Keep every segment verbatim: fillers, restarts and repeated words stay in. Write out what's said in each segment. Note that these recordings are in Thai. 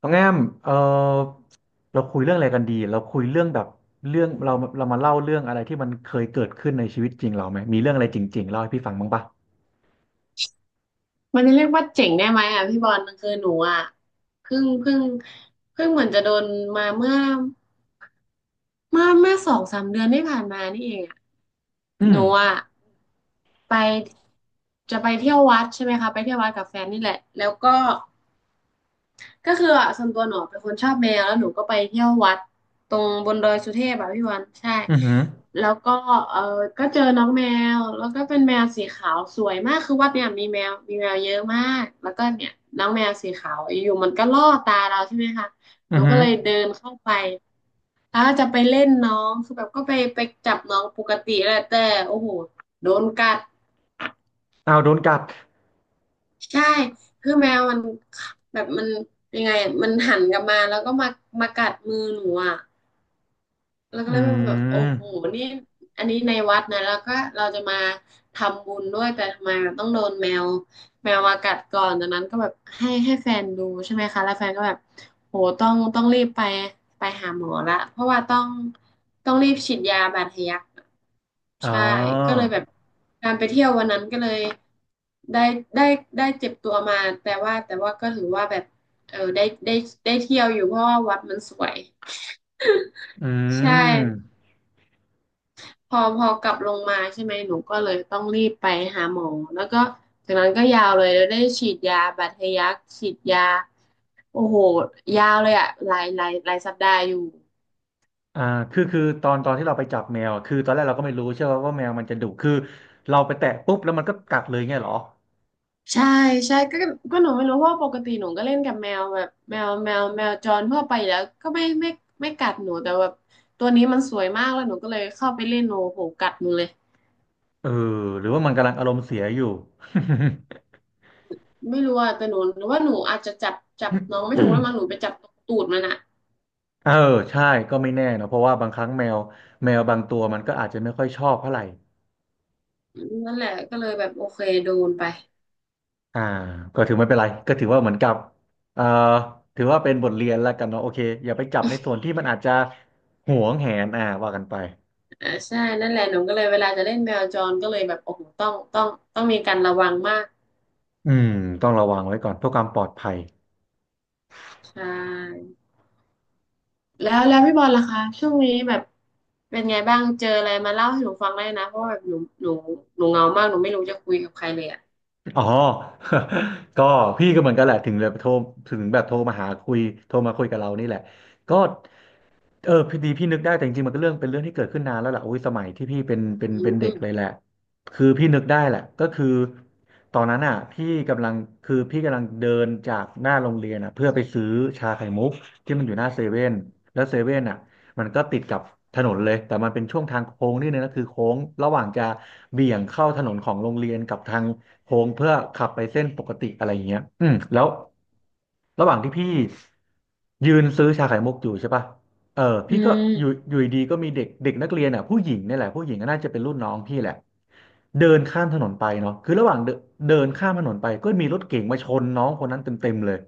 น้องแอมเออเราคุยเรื่องอะไรกันดีเราคุยเรื่องแบบเรื่องเราเรามาเล่าเรื่องอะไรที่มันเคยเกิดขึ้นในชีวิตจริงเราไหมมีเรื่องอะไรจริงๆเล่าให้พี่ฟังบ้างปะมันจะเรียกว่าเจ๋งได้ไหมอ่ะพี่บอลมันคือหนูอ่ะเพิ่งเพิ่งเพิ่งเหมือนจะโดนมาเมื่อเมื่อเมื่อสองสามเดือนที่ผ่านมานี่เองอ่ะอืหมนูอ่ะไปจะไปเที่ยววัดใช่ไหมคะไปเที่ยววัดกับแฟนนี่แหละแล้วก็ ก็คืออ่ะส่วนตัวหนูเป็นคนชอบแมวแล้วหนูก็ไปเที่ยววัดตรงบนดอยสุเทพอ่ะพี่วันใช่อือหือแล้วก็เออก็เจอน้องแมวแล้วก็เป็นแมวสีขาวสวยมากคือวัดเนี่ยมีแมวมีแมวเยอะมากแล้วก็เนี่ยน้องแมวสีขาวอยู่ๆมันก็ล่อตาเราใช่ไหมคะหอืนูอหืก็อเลยเดินเข้าไปถ้าจะไปเล่นน้องคือแบบก็ไปไปจับน้องปกติแหละแต่โอ้โหโดนกัด อ้าวโดนกัดใช่คือแมวมันแบบมันยังไงอะมันหันกลับมาแล้วก็มามากัดมือหนูอ่ะแล้วก็อืเลยแบบโอ้โหมนี่อันนี้ในวัดนะ แล้วก็เราจะมาทำบุญด้วย แต่ทำไมมันต้องโดนแมวแมวมากัดก่อนจากนั้นก็แบบให้ให้แฟนดูใช่ไหมคะ แล้วแฟนก็แบบโหต้องต้องรีบไปไปหาหมอละเพราะว่าต้องต้องรีบฉีดยาบาดทะยัก อ๋อใช่ก็เลยแบบการไปเที่ยววันนั้นก็เลยได้ได้ได้เจ็บตัวมาแต่ว่าแต่ว่าก็ถือว่าแบบเออได้ได้ได้เที่ยวอยู่เพราะว่าวัดมันสวยอืใช่มพอพอกลับลงมาใช่ไหมหนูก็เลยต้องรีบไปหาหมอแล้วก็จากนั้นก็ยาวเลยแล้วได้ฉีดยาบาดทะยักฉีดยาโอ้โหยาวเลยอะหลายหลายหลายสัปดาห์อยู่ อ่าคือคือตอนตอนที่เราไปจับแมวอะคือตอนแรกเราก็ไม่รู้ใช่ไหมว่าแมวมันจะดุคือเราไปแตะปุ๊บแล้วมันก็กัดเลยเงี้ยเหรอใช่ใช่ก็ก็หนูไม่รู้เพราะว่าปกติหนูก็เล่นกับแมวแบบแมวแมวแมวจรทั่วไปอยู่แล้วก็ไม่ไม่ไม่กัดหนูแต่แบบตัวนี้มันสวยมากแล้วหนูก็เลยเข้าไปเล่นหนูโหกัดหนูเลยเออหรือว่ามันกำลังอารมณ์เสียอยู่ ไม่รู้อ่ะแต่หนูหนูว่าหนูอาจจะจับจับน้องไม่ถูกแล้วมั้งห นูไปจับตูดมันอ่ะเออใช่ก็ไม่แน่นะเพราะว่าบางครั้งแมวแมวบางตัวมันก็อาจจะไม่ค่อยชอบเท่าไหร่นั่นแหละก็เลยแบบโอเคโดนไปอ่าก็ถือไม่เป็นไรก็ถือว่าเหมือนกับเอ่อถือว่าเป็นบทเรียนแล้วกันเนาะโอเคอย่าไปจับในส่วนที่มันอาจจะหวงแหนอ่าว่ากันไปอ่าใช่นั่นแหละหนูก็เลยเวลาจะเล่นแมวจรก็เลยแบบโอ้โหต้องต้องต้องมีการระวังมากอืมต้องระวังไว้ก่อนเพื่อความปลอดภัย ใช่ แล้วแล้วพี่บอลล่ะคะช่วงนี้แบบเป็นไงบ้างเจออะไรมาเล่าให้หนูฟังได้นะเพราะว่าแบบหนูหนูหนูเหงามากหนูไม่รู้จะคุยกับใครเลยอ่ะอ๋อ ก็พี่ก็เหมือนกันแหละถึงแบบโทรถึงแบบโทรมาหาคุยโทรมาคุยกับเรานี่แหละก็เออพอดีพี่นึกได้แต่จริงๆมันก็เรื่องเป็นเรื่องที่เกิดขึ้นนานแล้วแหละโอ้ยสมัยที่พี่เป็นเป็นอืเป็นเด็กมเลยแหละคือพี่นึกได้แหละก็คือตอนนั้นอ่ะพี่กำลังคือพี่กำลังเดินจากหน้าโรงเรียนอ่ะเพื่อไปซื้อชาไข่มุกที่มันอยู่หน้าเซเว่นแล้วเซเว่นอ่ะมันก็ติดกับถนนเลยแต่มันเป็นช่วงทางโค้งนิดนึงนะคือโค้งระหว่างจะเบี่ยงเข้าถนนของโรงเรียนกับทาง โค้งเพื่อขับไปเส้นปกติอะไรอย่างเงี้ยอืมแล้วระหว่างที่พี่ยืนซื้อชาไข่มุกอยู่ใช่ปะเอออืพี่ก็อยู่มอยู่ดีๆก็มีเด็กเด็กนักเรียนอ่ะผู้หญิงเนี่ยแหละผู้หญิงก็น่าจะเป็นรุ่นน้องพี่แหละเดินข้ามถนนไปเนาะคือระหว่างเดินเดินข้ามถนนไปก็มีรถเก๋งมาชนน้องคนนั้นเต็มๆเลย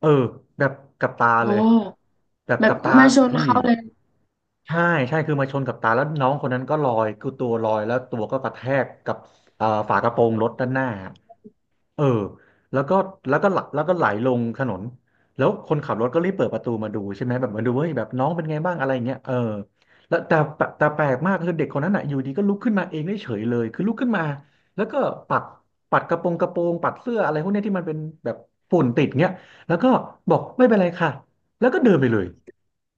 เออแบบกับตาโอ้เลยแบบแบบกับตามาชนพี่เขาเลยใช่ใช่คือมาชนกับตาแล้วน้องคนนั้นก็ลอยคือตัวลอยแล้วตัวก็กระแทกกับเอ่อฝากระโปรงรถด้าอืนหน้า มเออแล้วก็แล้วก็หลแล้วก็ไหลลงถนนแล้วคนขับรถก็รีบเปิดประตูมาดูใช่ไหมแบบมาดูเฮ้ยแบบน้องเป็นไงบ้างอะไรอย่างเงี้ยเออแล้วแต่แต่แต่แปลกมากคือเด็กคนนั้นอ่ะอยู่ดีก็ลุกขึ้นมาเองได้เฉยเลยคือลุกขึ้นมาแล้วก็ปัดปัดกระโปรงกระโปรงปัดเสื้ออะไรพวกเนี้ยที่มันเป็นแบบฝุ่นติดเงี้ยแล้วก็บอกไม่เป็นไรค่ะแล้วก็เดินไปเลย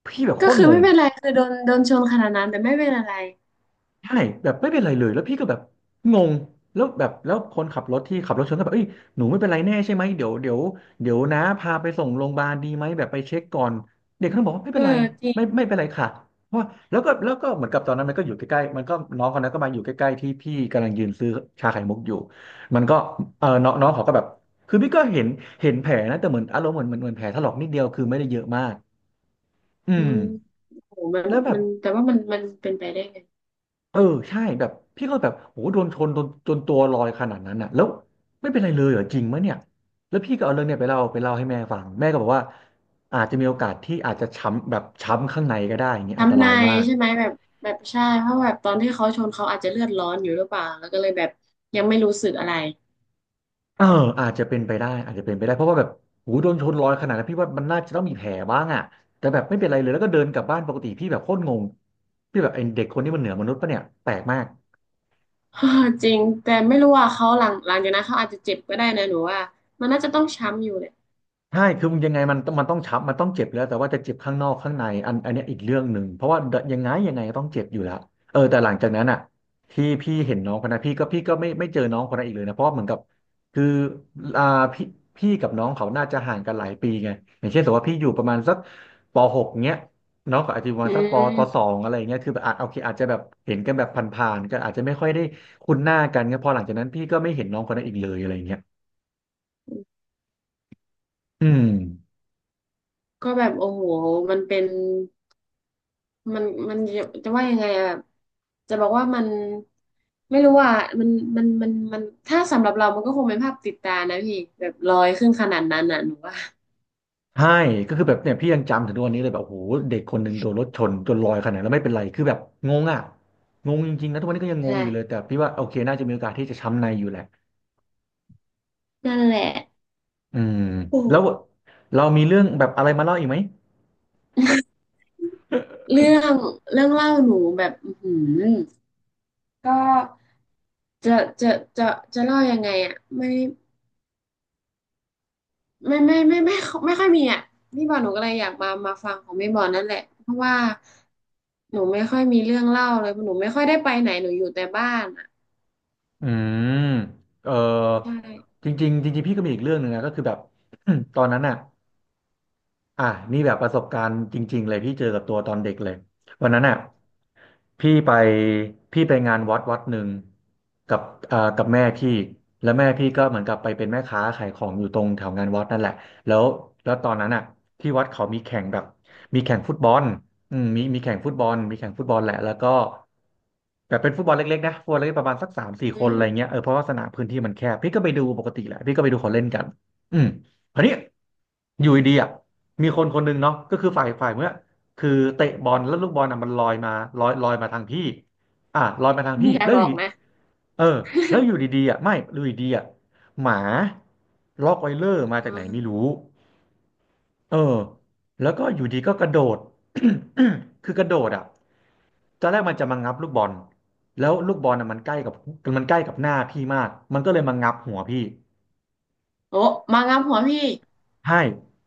พี่แบบโคก็ตคือรไม่งง เป็นไรคือโดนโดนชนขนาดนั้นแต่ไม่เป็นอะไรใช่แบบไม่เป็นไรเลยแล้วพี่ก็แบบงงแล้วแบบแล้วคนขับรถที่ขับรถชนก็แบบเอ้ยหนูไม่เป็นไรแน่ใช่ไหมเดี๋ยวเดี๋ยวเดี๋ยวนะพาไปส่งโรงพยาบาลดีไหมแบบไปเช็คก่อนเด็กเขาบอกว่าไม่เอเป็อนไรจริไม่งไม่เป็นไรค่ะเพราะว่าแล้วก็แล้วก็เหมือนกับตอนนั้นมันก็อยู่ใกล้ๆมันก็น้องคนนั้นก็มาอยู่ใกล้ๆที่พี่กำลังยืนซื้อชาไข่มุกอยู่มันก็เออน้องน้องเขาก็แบบคือพี่ก็เห็นเห็นแผลนะแต่เหมือนอารมณ์เหมือนเหมือนเหมือนแผลถลอกนิดเดียวคือไม่ได้เยอะมากอือืมมโหมันแล้วแบบ มันแต่ว่ามันมันเป็นไปได้ไงเออใช่แบบพี่ก็แบบโหโดนชนจนจนตัวลอยขนาดนั้นน่ะแล้วไม่เป็นไรเลยเหรอจริงมะเนี่ยแล้วพี่ก็เอาเรื่องเนี่ยไปเล่าไปเล่าให้แม่ฟังแม่ก็บอกว่าอาจจะมีโอกาสที่อาจจะช้ำแบบช้ำข้างในก็ได้อย่างนี้อันตทำราในายยมากใช่ไหมแบบแบบใช่เพราะแบบตอนที่เขาชนเขาอาจจะเลือดร้อนอยู่หรือเปล่าแล้วก็เลยแบบยังไม่รู้สึกอะไร เอออาจจะเป็นไปได้อาจจะเป็นไปได้เพราะว่าแบบโหโดนชนลอยขนาดนั้นพี่ว่ามันน่าจะต้องมีแผลบ้างอ่ะแต่แบบไม่เป็นไรเลยแล้วก็เดินกลับบ้านปกติพี่แบบโคตรงงพี่แบบไอ้เด็กคนนี้มันเหนือมนุษย์ปะเนี่ยแปลกมาก เอจริงแต่ไม่รู้ว่าเขาหลังหลังจากนั้นเขาอาจจะเจ็บก็ได้นะหนูว่ามันน่าจะต้องช้ำอยู่แหละใช่คือมันยังไงมันมันต้องช้ำมันต้องเจ็บอยู่แล้วแต่ว่าจะเจ็บข้างนอกข้างในอันอันเนี้ยอีกเรื่องหนึ่งเพราะว่ายังไงยังไงก็ต้องเจ็บอยู่แล้วเออแต่หลังจากนั้นอ่ะที่พี่เห็นน้องคนนั้นพี่ก็พี่ก็ไม่ไม่เจอน้องคนนั้นอีกเลยนะเพราะว่าเหมือนกับคืออ่าพี่พี่กับน้องเขาน่าจะห่างกันหลายปีไงอย่างเช่นสมมติว่าพี่อยู่ประมาณสักปหกเงี้ยน้องก็อาจจะอยู่ประอืมาณสักปปสอมงอะไรเงี้ยคือแบบอาจโอเคอาจจะแบบเห็นกันแบบผ่านๆกนอาจจะไม่ค่อยได้คุ้นหน้ากันเงี้ยพอหลังจากนั้นพี่ก็ไม่เห็นน้องคนนั้นอีกเลยอะไรเงี้ยอืม ก็แบบโอ้โหมันเป็นมันมันจะจะว่ายังไงอะแบบจะบอกว่ามันไม่รู้ว่ามันมันมันมันถ้าสำหรับเรามันก็คงเป็นภาพติดตานะพี่แบบลอยขึ้นขนาดนั้นน่ะหนูว่าใช่ก็คือแบบเนี่ยพี่ยังจำถึงทุกวันนี้เลยแบบโอ้โหเด็กคนหนึ่งโดนรถชนจนลอยขนาดนั้นแล้วไม่เป็นไรคือแบบงงอ่ะงงจริงๆนะทุกวันนี้ก็ยังงงใช่อยู่เลยแต่พี่ว่าโอเคน่าจะมีโอกาสที่จะช้ำในอยู่แหละนั่นแหละ อืม โอ้แล้วเรามีเรื่องแบบอะไรมาเล่าอีกไหมเรื่องเรื่องเล่าหนูแบบอือหือก็จะจะจะจะเล่ายังไงอ่ะไม่ ไม่ไม่ไม่ไม่ไม่ค่อยมีอ่ะพี่บอลหนูก็เลยอยากมามาฟังของพี่บอลนั่นแหละเพราะว่าหนูไม่ค่อยมีเรื่องเล่าเลยหนูไม่ค่อยได้ไปไหนหนูอยู่แต่บ้านอ่ะอืมเออใช่จริงๆจริงๆพี่ก็มีอีกเรื่องหนึ่งนะก็คือแบบ ตอนนั้นอ่ะ อ่ะนี่แบบประสบการณ์จริงๆเลยพี่เจอกับตัวตอนเด็กเลยวันนั้นอ่ะพี่ไปพี่ไปงานวัดวัดหนึ่งกับเอ่อกับแม่พี่แล้วแม่พี่ก็เหมือนกับไปเป็นแม่ค้าขายของอยู่ตรงแถวงานวัดนั่นแหละแล้วแล้วตอนนั้นอ่ะที่วัดเขามีแข่งแบบมีแข่งฟุตบอลอืมมีมีแข่งฟุตบอลมีแข่งฟุตบอลแหละแล้วก็แบบเป็นฟุตบอลเล็กๆนะฟุตบอลเล็กๆประมาณสักสามสี่อืคนอะไรมเงี้ยเออเพราะว่าสนามพื้นที่มันแคบพี่ก็ไปดูปกติแหละพี่ก็ไปดูเขาเล่นกันอืมคราวนี้อยู่ดีๆอ่ะ มีคนคนหนึ่งเนาะก็คือฝ่ายฝ่ายเมื่อคือเตะบอลแล้วลูกบอลน่ะมันลอยมาลอยลอยมาทางพี่อ่ะลอยมาทางพี่นี่อย่าแล้วอบอยู่กนะเออแล้วอยู่ดีๆอ่ะไม่อยู่ดีๆอ่ะหมาล็อกไวเลอร์มาอ๋จากไหนไม่อรู้เออแล้วก็อยู่ดีก็กระโดด คือกระโดดอ่ะตอนแรกมันจะมางับลูกบอลแล้วลูกบอลน่ะมันใกล้กับมันใกล้กับหน้าพี่มากมันก็เลยมางับหัวพี่ โอ้มางามหัวพี่ใช่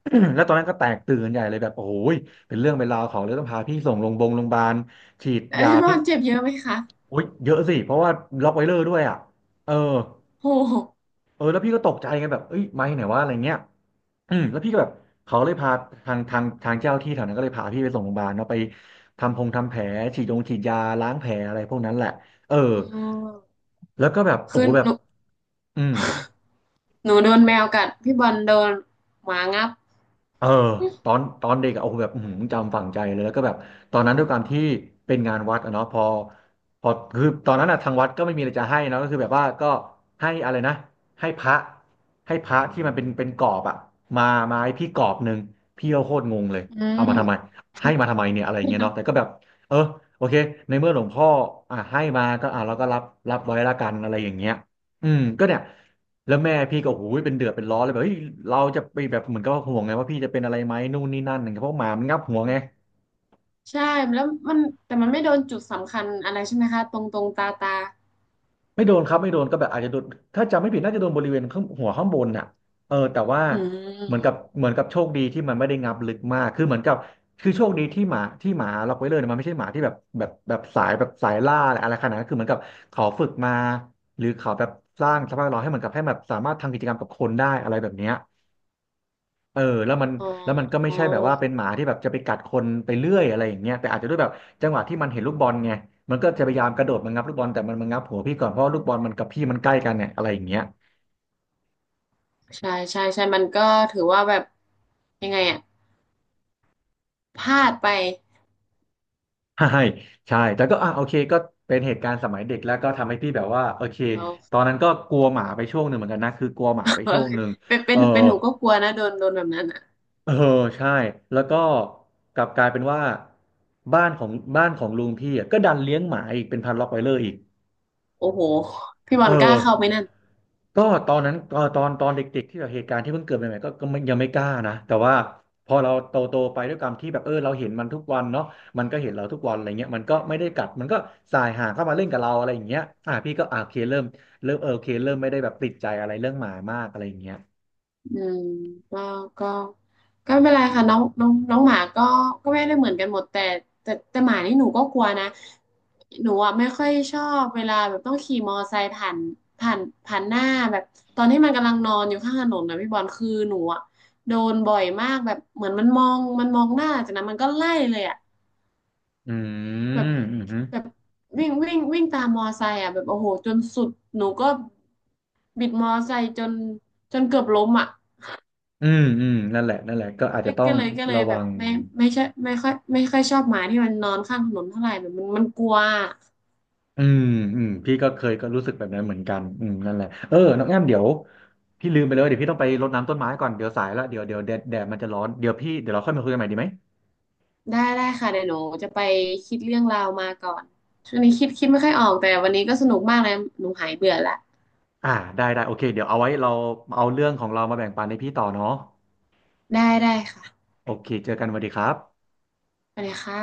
แล้วตอนนั้นก็แตกตื่นใหญ่เลยแบบโอ้ยเป็นเรื่องเป็นราวของเลยต้องพาพี่ส่งโรงพยาบาลโรงพยาบาลฉีดแต่ยาพี่บพิอษลเจ็บเยอะไหมคะโอ้ยเยอะสิ เพราะว่าล็อกไวเลอร์ด้วยอ่ะเออโอ้โหเออแล้วพี่ก็ตกใจไงแบบเอ้ยไม่ไหนว่าอะไรเงี้ยอืมแล้วพี่ก็แบบเขาเลยพาทางทางทางเจ้าที่แถวนั้นก็เลยพาพี่ไปส่งโรงพยาบาลเนาะไปทำพงทำแผลฉีดยงฉีดยาล้างแผลอะไรพวกนั้นแหละเอออืมแล้วก็แบบโอ้คืโหอแบหบนูอืม หนูโดนแมวกัดพี่บอลโดนหมางับเออตอนตอนเด็กอะโอ้โหแบบอื้อหือจำฝังใจเลยแล้วก็แบบตอนนั้นด้วยความที่เป็นงานวัดอะเนาะพอพอคือตอนนั้นอะทางวัดก็ไม่มีอะไรจะให้เนาะก็คือแบบว่าก็ให้อะไรนะให้พระให้พระที่มันเป็นเป็นกรอบอะมามาให้พี่กรอบหนึ่งพี่ก็โคตรงงเลยอืเอามาทำไมมให้มาทำไมเนี่ยอะไรเงี้ยเนาะแต่ก็แบบเออโอเคในเมื่อหลวงพ่ออ่ะให้มาก็อ่ะเราก็รับรับไว้ละกันอะไรอย่างเงี้ยอืมก็เนี่ย แล้วแม่พี่ก็โอ้โหเป็นเดือดเป็นร้อนเลยแบบเฮ้ยเราจะไปแบบเหมือนกับว่าห่วงไงว่าพี่จะเป็นอะไรไหมนู่นนี่นั่นอย่างเงี้ยเพราะหมามันงับหัวไงใช่แล้วมันแต่มันไม่โดนจุดสำคัญอะไรใช่ไหมคะตรงตรงตาตาไม่โดนครับไม่โดนก็แบบอาจจะโดนถ้าจำไม่ผิดน่าจะโดนบริเวณข้างหัวข้างบนน่ะเออแต่ว่าอืเหมือนกับม เหมือนกับโชคดีที่มันไม่ได้งับลึกมากคือเหมือนกับคือโชคดีที่หมาที่หมาล็อกไว้เลยเนะมันไม่ใช่หมาที่แบบแบบแบบสายแบบสายล่าอะไรอะไรขนาดนั้นคือเหมือนกับเขาฝึกมาหรือเขาแบบสร้างสภาพแวดล้อมให้เหมือนกับให้แบบสามารถทำกิจกรรมกับคนได้อะไรแบบเนี้ย เออแล้วมันอ๋อแล้วมันก็ไม่ใช่แบบว่าเป็นหมาที่แบบจะไปกัดคนไปเรื่อยอะไรอย่างเงี้ยแต่อาจจะด้วยแบบจังหวะที่มันเห็นลูกบอลไงมันก็จะพยายามกระโดดมางับลูกบอลแต่มันมางับหัวพี่ก่อนเพราะว่าลูกบอลมันกับพี่มันใกล้กันเนี่ยอะไรอย่างเงี้ย ใช่ใช่ใช่มันก็ถือว่าแบบยังไงอะพลาดไป ใช่ใช่แต่ก็อ่ะโอเคก็เป็นเหตุการณ์สมัยเด็กแล้วก็ทำให้พี่แบบว่าโอเคเรา ตอนนั้นก็กลัวหมาไปช่วงหนึ่งเหมือนกันนะคือกลัวหมาไปช่วงหนึ่ง เป็นเป็เออนเป็นหนูก็กลัวนะโดนโดนแบบนั้นอะเออใช่แล้วก็กลับกลายเป็นว่าบ้านของบ้านของลุงพี่อ่ะก็ดันเลี้ยงหมาอีกเป็นพันล็อตไวเลอร์อีก โอ้โหพี่บอเอลกล้าอ เข้าไหมนั่น ก็ตอนนั้นตอนตอนตอนเด็กๆที่แบบเหตุการณ์ที่เพิ่งเกิดใหม่ๆก็ก็ไม่ยังไม่กล้านะแต่ว่าพอเราโตโตไปด้วยความที่แบบเออเราเห็นมันทุกวันเนาะมันก็เห็นเราทุกวันอะไรเงี้ยมันก็ไม่ได้กัดมันก็สายหางเข้ามาเล่นกับเราอะไรอย่างเงี้ยอ่ะพี่ก็อ่ะโอเคเริ่มเริ่มเออโอเคเริ่มไม่ได้แบบติดใจอะไรเรื่องหมามากอะไรอย่างเงี้ยอืมก็ก็ก็ไม่เป็นไรค่ะน้องน้องน้องหมาก็ก็ไม่ได้เหมือนกันหมดแต่แต่แต่หมานี่หนูก็กลัวนะหนูอ่ะไม่ค่อยชอบเวลาแบบต้องขี่มอไซค์ผ่านผ่านผ่านหน้าแบบตอนที่มันกำลังนอนอยู่ข้างถนนนะพี่บอลคือหนูอ่ะโดนบ่อยมากแบบเหมือนมันมองมันมองหน้าจากนั้นมันก็ไล่เลยอ่ะอืแบบมอืมแบบอวิ่งวิ่งวิ่งตามมอไซค์อ่ะแบบโอ้โหจนสุดหนูก็บิดมอไซค์จนจนเกือบล้มอ่ะ ืมอืมนั่นแหละนั่นแหละก็อาจจะต้อก็งเลยก็เลระยแบวับง ไม่ไม่ใช่ไม่ค่อยไม่ค่อยชอบหมาที่มันนอนข้างถนนเท่าไหร่แบบมันมันกลัวอืมอืมพี่ก็เคยก็รู้สึกแบบนั้นเหมือนกันอืมนั่นแหละเออน้องแอมเดี๋ยวพี่ลืมไปเลยเดี๋ยวพี่ต้องไปรดน้ำต้นไม้ก่อนเดี๋ยวสายแล้วเดี๋ยวเดี๋ยวแดดแดดมันจะร้อนเดี๋ยวพี่เดี๋ยวเราค่อยมาคุยกันใหม่ดีไหมได้ได้ค่ะเดี๋ยวหนูจะไปคิดเรื่องราวมาก่อนช่วงนี้คิดคิดไม่ค่อยออกแต่วันนี้ก็สนุกมากเลยหนูหายเบื่อละอ่าได้ได้โอเคเดี๋ยวเอาไว้เราเอาเรื่องของเรามาแบ่งปันให้พี่ต่อเนาะได้ได้ค่ะโอเคเจอกันสวัสดีครับไปเลยค่ะ